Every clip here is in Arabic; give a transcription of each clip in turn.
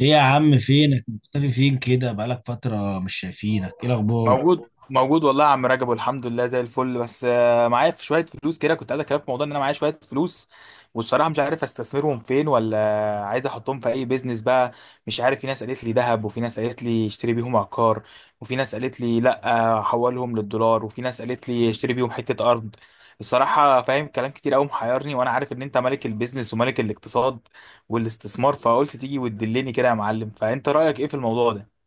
ايه يا عم، فينك مختفي؟ فين كده؟ بقالك فترة مش شايفينك. ايه الاخبار؟ موجود موجود والله يا عم رجب، والحمد لله زي الفل. بس معايا في شويه فلوس كده، كنت عايز اكلمك في موضوع ان انا معايا شويه فلوس، والصراحه مش عارف استثمرهم فين، ولا عايز احطهم في اي بيزنس بقى. مش عارف، في ناس قالت لي ذهب، وفي ناس قالت لي اشتري بيهم عقار، وفي ناس قالت لي لا حولهم للدولار، وفي ناس قالت لي اشتري بيهم حته ارض. الصراحه فاهم كلام كتير قوي محيرني، وانا عارف ان انت ملك البيزنس وملك الاقتصاد والاستثمار، فقلت تيجي وتدلني كده يا معلم. فانت رايك ايه في الموضوع ده؟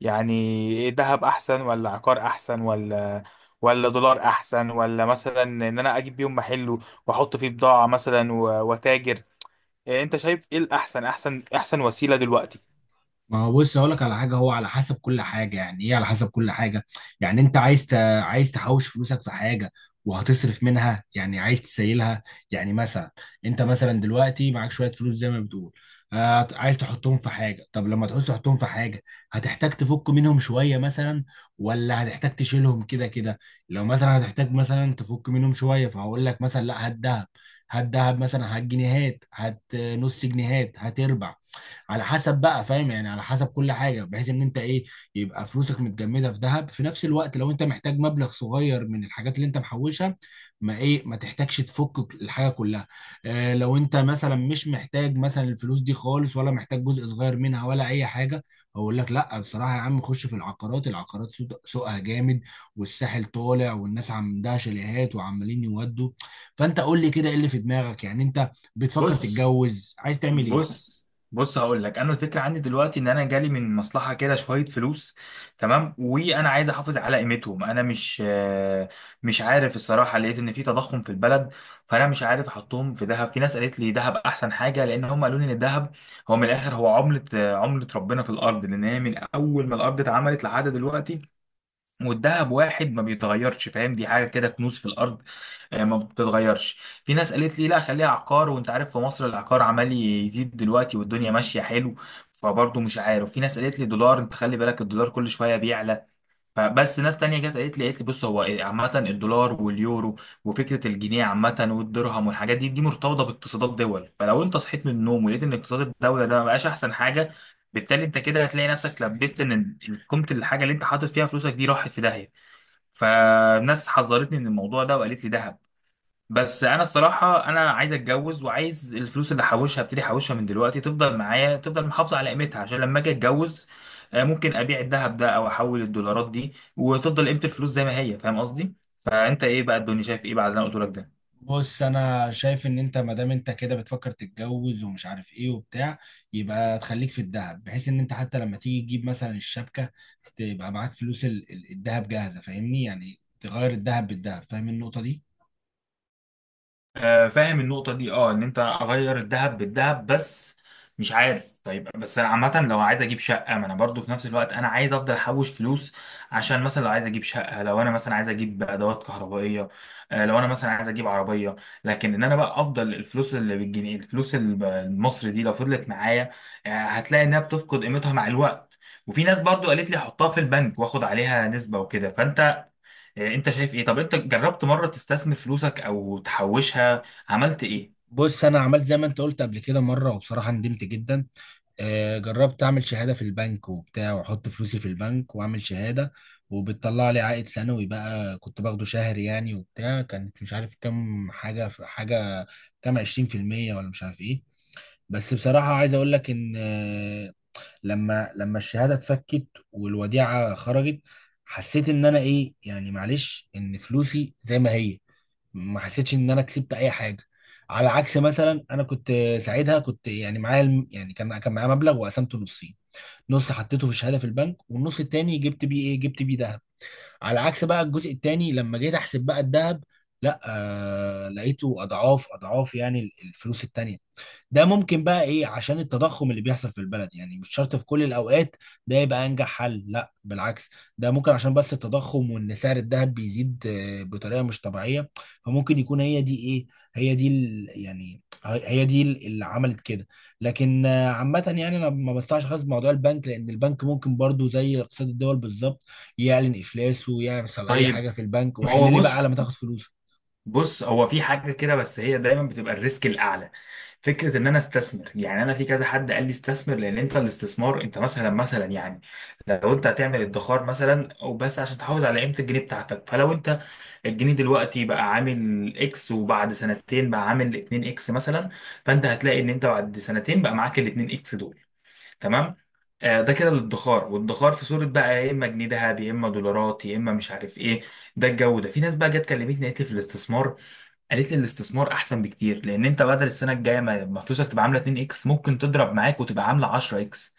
يعني ايه، دهب احسن ولا عقار احسن ولا دولار احسن، ولا مثلا ان انا اجيب بيهم محل واحط فيه بضاعة مثلا واتاجر؟ إيه انت شايف ايه الاحسن، احسن وسيلة دلوقتي؟ ما هو بص، اقول لك على حاجه. هو على حسب كل حاجه، يعني ايه؟ على حسب كل حاجه. يعني انت عايز عايز تحوش فلوسك في حاجه، وهتصرف منها، يعني عايز تسيلها. يعني مثلا، انت مثلا دلوقتي معاك شويه فلوس زي ما بتقول. عايز تحطهم في حاجه. طب لما تعوز تحطهم في حاجه، هتحتاج تفك منهم شويه مثلا، ولا هتحتاج تشيلهم كده كده؟ لو مثلا هتحتاج مثلا تفك منهم شويه، فهقول لك مثلا لا، هات دهب. هات دهب مثلا، هات جنيهات، هات نص جنيهات، هات ربع. على حسب بقى، فاهم؟ يعني على حسب كل حاجه، بحيث ان انت ايه، يبقى فلوسك متجمده في ذهب. في نفس الوقت لو انت محتاج مبلغ صغير من الحاجات اللي انت محوشها، ما ايه، ما تحتاجش تفك الحاجه كلها. اه، لو انت مثلا مش محتاج مثلا الفلوس دي خالص، ولا محتاج جزء صغير منها ولا اي حاجه، اقول لك لا، بصراحه يا عم، خش في العقارات. العقارات سوقها جامد، والساحل طالع، والناس عندها شاليهات وعمالين يودوا. فانت قول لي كده، ايه اللي في دماغك يعني؟ انت بتفكر بص تتجوز؟ عايز تعمل ايه؟ بص بص، هقول لك انا الفكره عندي دلوقتي ان انا جالي من مصلحه كده شويه فلوس، تمام، وانا عايز احافظ على قيمتهم. انا مش مش عارف الصراحه، لقيت ان في تضخم في البلد، فانا مش عارف احطهم في ذهب. في ناس قالت لي ذهب احسن حاجه، لان هم قالوا لي ان الذهب هو من الاخر هو عمله عمله ربنا في الارض، لان هي من اول ما الارض اتعملت لحد دلوقتي والدهب واحد ما بيتغيرش. فاهم؟ دي حاجه كده كنوز في الارض، ما بتتغيرش. في ناس قالت لي لا، خليها عقار، وانت عارف في مصر العقار عمال يزيد دلوقتي والدنيا ماشيه حلو. فبرضه مش عارف، في ناس قالت لي دولار، انت خلي بالك الدولار كل شويه بيعلى. فبس ناس تانية جت قالت لي بص، هو عامة الدولار واليورو وفكرة الجنيه عامة والدرهم والحاجات دي، مرتبطة باقتصادات دول. فلو انت صحيت من النوم ولقيت ان اقتصاد الدولة ده ما بقاش احسن حاجة، بالتالي انت كده هتلاقي نفسك لبست ان قيمة الحاجة اللي انت حاطط فيها فلوسك دي راحت في داهية. فناس حذرتني من الموضوع ده وقالت لي دهب. بس انا الصراحه انا عايز اتجوز، وعايز الفلوس اللي احوشها ابتدي احوشها من دلوقتي تفضل معايا، تفضل محافظه على قيمتها، عشان لما اجي اتجوز ممكن ابيع الذهب ده او احول الدولارات دي وتفضل قيمه الفلوس زي ما هي. فاهم قصدي؟ فانت ايه بقى، الدنيا شايف ايه بعد اللي انا قلت لك ده؟ بص، انا شايف ان انت ما دام انت كده بتفكر تتجوز ومش عارف ايه وبتاع، يبقى تخليك في الذهب، بحيث ان انت حتى لما تيجي تجيب مثلا الشبكه، تبقى معاك فلوس الذهب جاهزه، فاهمني؟ يعني تغير الذهب بالذهب. فاهم النقطه دي؟ فاهم النقطة دي، اه، ان انت اغير الذهب بالذهب. بس مش عارف، طيب بس عامة لو عايز اجيب شقة، ما انا برضو في نفس الوقت انا عايز افضل احوش فلوس، عشان مثلا لو عايز اجيب شقة، لو انا مثلا عايز اجيب ادوات كهربائية، لو انا مثلا عايز اجيب عربية. لكن ان انا بقى افضل الفلوس اللي بالجنيه، الفلوس المصري دي لو فضلت معايا، هتلاقي انها بتفقد قيمتها مع الوقت. وفي ناس برضو قالت لي حطها في البنك واخد عليها نسبة وكده. فانت انت شايف ايه؟ طب انت جربت مرة تستثمر فلوسك او تحوشها؟ عملت ايه؟ بص، انا عملت زي ما انت قلت قبل كده مره، وبصراحه ندمت جدا. جربت اعمل شهاده في البنك وبتاع، واحط فلوسي في البنك واعمل شهاده، وبتطلع لي عائد سنوي بقى، كنت باخده شهري يعني وبتاع. كانت مش عارف كام، حاجه حاجه، كام 20%، ولا مش عارف ايه. بس بصراحه عايز اقول لك ان لما الشهاده اتفكت والوديعه خرجت، حسيت ان انا ايه يعني، معلش، ان فلوسي زي ما هي. ما حسيتش ان انا كسبت اي حاجه. على عكس، مثلا انا كنت ساعتها، كنت يعني معايا يعني كان معايا مبلغ وقسمته نصين. نص حطيته في الشهاده في البنك، والنص التاني جبت بيه ايه؟ جبت بيه ذهب. على عكس بقى، الجزء التاني لما جيت احسب بقى الذهب، لا، لقيته اضعاف اضعاف يعني الفلوس التانيه. ده ممكن بقى ايه؟ عشان التضخم اللي بيحصل في البلد. يعني مش شرط في كل الاوقات ده يبقى انجح حل. لا بالعكس، ده ممكن عشان بس التضخم وان سعر الذهب بيزيد بطريقة مش طبيعية. فممكن يكون هي دي ايه، هي دي يعني هي دي اللي عملت كده. لكن عامة يعني انا ما بستعش خالص بموضوع البنك، لان البنك ممكن برضو زي اقتصاد الدول بالظبط، يعلن افلاسه ويحصل اي طيب، حاجة في البنك، ما هو وحل لي بقى بص، على ما تاخد فلوسك. بص، هو في حاجة كده بس هي دايما بتبقى الريسك الاعلى. فكرة ان انا استثمر، يعني انا في كذا حد قال لي استثمر، لان انت الاستثمار انت مثلا يعني لو انت هتعمل ادخار مثلا، او بس عشان تحافظ على قيمة الجنيه بتاعتك، فلو انت الجنيه دلوقتي بقى عامل اكس، وبعد سنتين بقى عامل 2 اكس مثلا، فانت هتلاقي ان انت بعد سنتين بقى معاك ال 2 اكس دول. تمام. ده كده للادخار، والادخار في صورة بقى يا اما جنيه ذهب يا اما دولارات يا اما مش عارف ايه، ده الجو ده. في ناس بقى جت كلمتني قالت لي في الاستثمار، قالت لي الاستثمار احسن بكتير، لان انت بدل السنه الجايه ما فلوسك تبقى عامله 2 اكس ممكن تضرب معاك وتبقى عامله 10 اكس.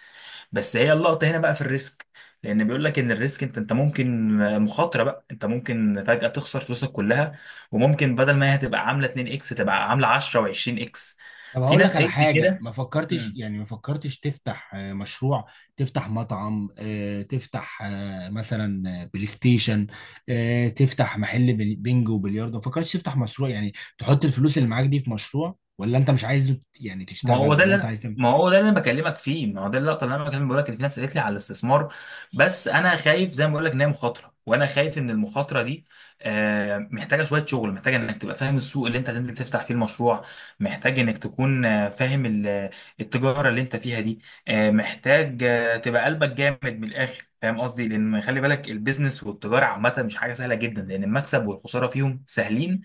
بس هي اللقطه هنا بقى في الريسك. لان بيقول لك ان الريسك انت، ممكن مخاطره بقى، انت ممكن فجاه تخسر فلوسك كلها، وممكن بدل ما هي هتبقى عامله 2 اكس تبقى عامله 10 و20 اكس. طب في هقول ناس لك على قالت لي حاجة، كده. ما فكرتش يعني، ما فكرتش تفتح مشروع؟ تفتح مطعم، تفتح مثلا بلاي ستيشن، تفتح محل بينجو وبلياردو؟ ما فكرتش تفتح مشروع يعني، تحط الفلوس اللي معاك دي في مشروع؟ ولا انت مش عايز يعني ما هو تشتغل؟ ده ولا اللي انت أنا- عايز؟ ما هو ده اللي انا بكلمك فيه، ما هو ده اللقطه اللي انا بكلمك، بقول لك ان في ناس قالت لي على الاستثمار. بس انا خايف زي ما بقول لك ان هي مخاطره، وانا خايف ان المخاطره دي محتاجه شويه شغل، محتاجه انك تبقى فاهم السوق اللي انت هتنزل تفتح فيه المشروع، محتاج انك تكون فاهم التجاره اللي انت فيها دي، محتاج تبقى قلبك جامد من الاخر. فاهم قصدي؟ لان خلي بالك البيزنس والتجاره عامه مش حاجه سهله جدا، لان المكسب والخساره فيهم سهلين،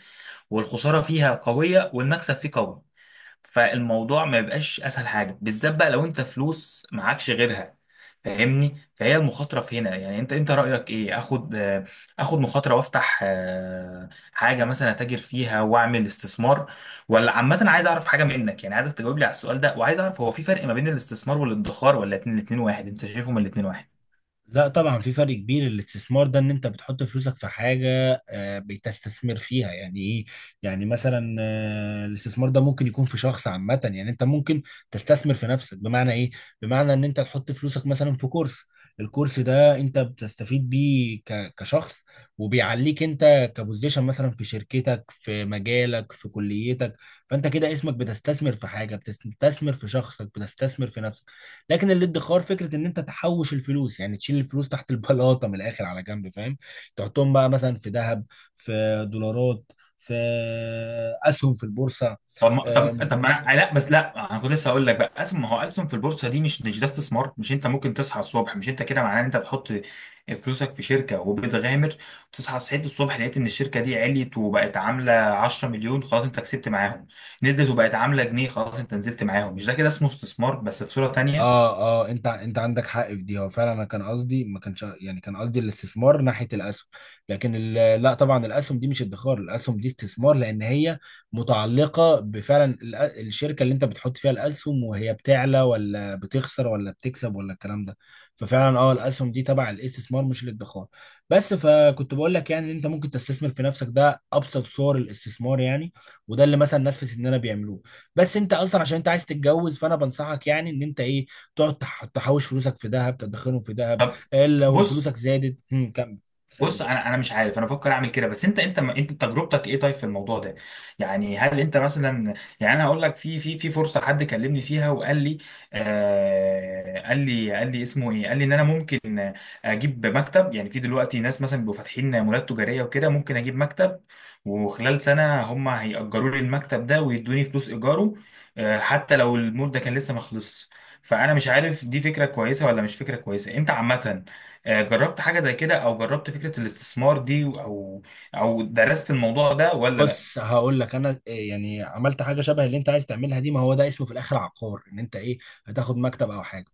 والخساره فيها قويه والمكسب فيه قوي. فالموضوع ما بيبقاش اسهل حاجه، بالذات بقى لو انت فلوس معكش غيرها. فاهمني؟ فهي المخاطره في هنا. يعني انت، رايك ايه، اخد اخد مخاطره وافتح حاجه مثلا اتاجر فيها واعمل استثمار؟ ولا عامه عايز اعرف حاجه منك، يعني عايزك تجاوب لي على السؤال ده، وعايز اعرف هو في فرق ما بين الاستثمار والادخار، ولا الاتنين واحد، انت شايفهم الاتنين واحد؟ لا طبعا، في فرق كبير. الاستثمار ده ان انت بتحط فلوسك في حاجه بتستثمر فيها، يعني ايه؟ يعني مثلا الاستثمار ده ممكن يكون في شخص عامه، يعني انت ممكن تستثمر في نفسك. بمعنى ايه؟ بمعنى ان انت تحط فلوسك مثلا في كورس. الكورس ده انت بتستفيد بيه كشخص، وبيعليك انت كبوزيشن، مثلا في شركتك، في مجالك، في كليتك. فانت كده اسمك بتستثمر في حاجه، بتستثمر في شخصك، بتستثمر في نفسك. لكن الادخار، فكره ان انت تحوش الفلوس، يعني تشيل الفلوس تحت البلاطه من الاخر، على جنب، فاهم؟ تحطهم بقى مثلا في ذهب، في دولارات، في اسهم في البورصه. طب ما انا لا، بس لا انا كنت لسه هقول لك بقى أسهم. ما هو أسهم في البورصه دي مش ده استثمار؟ مش انت ممكن تصحى الصبح، مش انت كده معناه ان انت بتحط فلوسك في شركه وبتغامر؟ تصحى، صحيت الصبح لقيت ان الشركه دي عليت وبقت عامله 10 مليون، خلاص انت كسبت معاهم. نزلت وبقت عامله جنيه، خلاص انت نزلت معاهم. مش ده كده اسمه استثمار بس في صوره تانيه؟ اه، اه، انت عندك حق في دي. هو فعلا انا كان قصدي، ما كانش يعني، كان قصدي الاستثمار ناحيه الاسهم. لكن لا طبعا، الاسهم دي مش ادخار، الاسهم دي استثمار، لان هي متعلقه بفعلا الشركه اللي انت بتحط فيها الاسهم، وهي بتعلى ولا بتخسر ولا بتكسب ولا الكلام ده. ففعلا اه، الاسهم دي تبع الاستثمار مش الادخار. بس فكنت بقول لك يعني، ان انت ممكن تستثمر في نفسك، ده ابسط صور الاستثمار يعني. وده اللي مثلا الناس في سننا بيعملوه. بس انت اصلا عشان انت عايز تتجوز، فانا بنصحك يعني ان انت ايه، تقعد تحوش فلوسك في ذهب، تدخرهم في ذهب. طب، لو بص، فلوسك زادت كمل. بص، سألني. انا مش عارف، انا بفكر اعمل كده. بس انت، تجربتك ايه طيب في الموضوع ده؟ يعني هل انت مثلا، يعني انا هقول لك، في فرصه حد كلمني فيها وقال لي، آه قال لي، اسمه ايه، قال لي ان انا ممكن اجيب مكتب. يعني في دلوقتي ناس مثلا بيبقوا فاتحين مولات تجاريه وكده، ممكن اجيب مكتب وخلال سنه هم هيأجروا لي المكتب ده ويدوني فلوس ايجاره، آه حتى لو المول ده كان لسه ما خلصش. فانا مش عارف دي فكره كويسه ولا مش فكره كويسه. انت عامه جربت حاجة زي كده؟ او جربت فكرة الاستثمار دي، او او درست الموضوع ده ولا لا؟ بص، هقول لك انا إيه، يعني عملت حاجه شبه اللي انت عايز تعملها دي. ما هو ده اسمه في الاخر عقار، ان انت ايه، هتاخد مكتب او حاجه.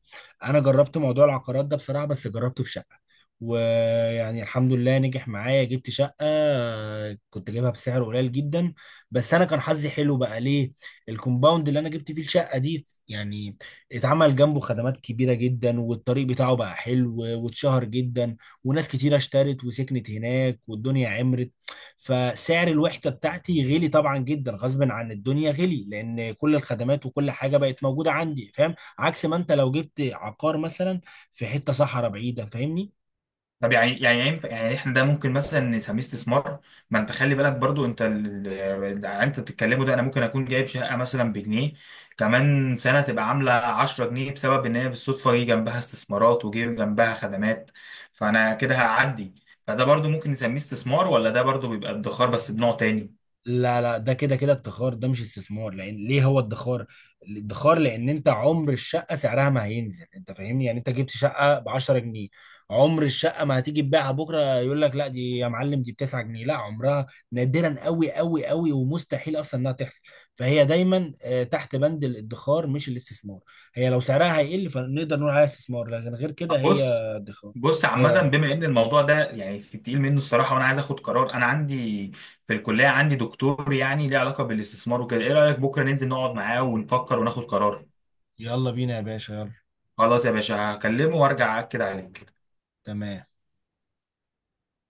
انا جربت موضوع العقارات ده بصراحه، بس جربته في شقه. ويعني الحمد لله نجح معايا. جبت شقه، كنت جايبها بسعر قليل جدا. بس انا كان حظي حلو بقى. ليه؟ الكومباوند اللي انا جبت فيه الشقه دي يعني، اتعمل جنبه خدمات كبيره جدا، والطريق بتاعه بقى حلو، واتشهر جدا، وناس كتيره اشترت وسكنت هناك، والدنيا عمرت. فسعر الوحدة بتاعتي غلي طبعا جدا، غصب عن الدنيا غلي، لان كل الخدمات وكل حاجة بقت موجودة عندي، فاهم؟ عكس ما انت لو جبت عقار مثلا في حتة صحراء بعيدة، فاهمني؟ طب يعني، يعني احنا ده ممكن مثلا نسميه استثمار؟ ما انت خلي بالك برضو انت انت بتتكلمه ده، انا ممكن اكون جايب شقة مثلا بجنيه، كمان سنة تبقى عاملة 10 جنيه بسبب ان هي بالصدفة جه جنبها استثمارات وجه جنبها خدمات، فانا كده هعدي. فده برضو ممكن نسميه استثمار ولا ده برضو بيبقى ادخار بس بنوع تاني؟ لا، لا، ده كده كده ادخار، ده مش استثمار. لان ليه هو ادخار؟ الادخار لان انت عمر الشقه سعرها ما هينزل، انت فاهمني؟ يعني انت جبت شقه ب 10 جنيه، عمر الشقه ما هتيجي تبيعها بكره يقول لك لا، دي يا معلم دي ب 9 جنيه، لا عمرها. نادرا قوي قوي قوي، ومستحيل اصلا انها تحصل. فهي دايما تحت بند الادخار مش الاستثمار. هي لو سعرها هيقل فنقدر نقول عليها استثمار، لكن غير كده هي بص، ادخار. بص، عامة آه، بما ان الموضوع ده يعني في التقيل منه الصراحة، وانا عايز اخد قرار، انا عندي في الكلية عندي دكتور يعني ليه علاقة بالاستثمار وكده، ايه رأيك بكرة ننزل نقعد معاه ونفكر وناخد قرار؟ يلا بينا يا باشا، يلا. خلاص يا باشا، هكلمه وارجع اكد عليك. تمام.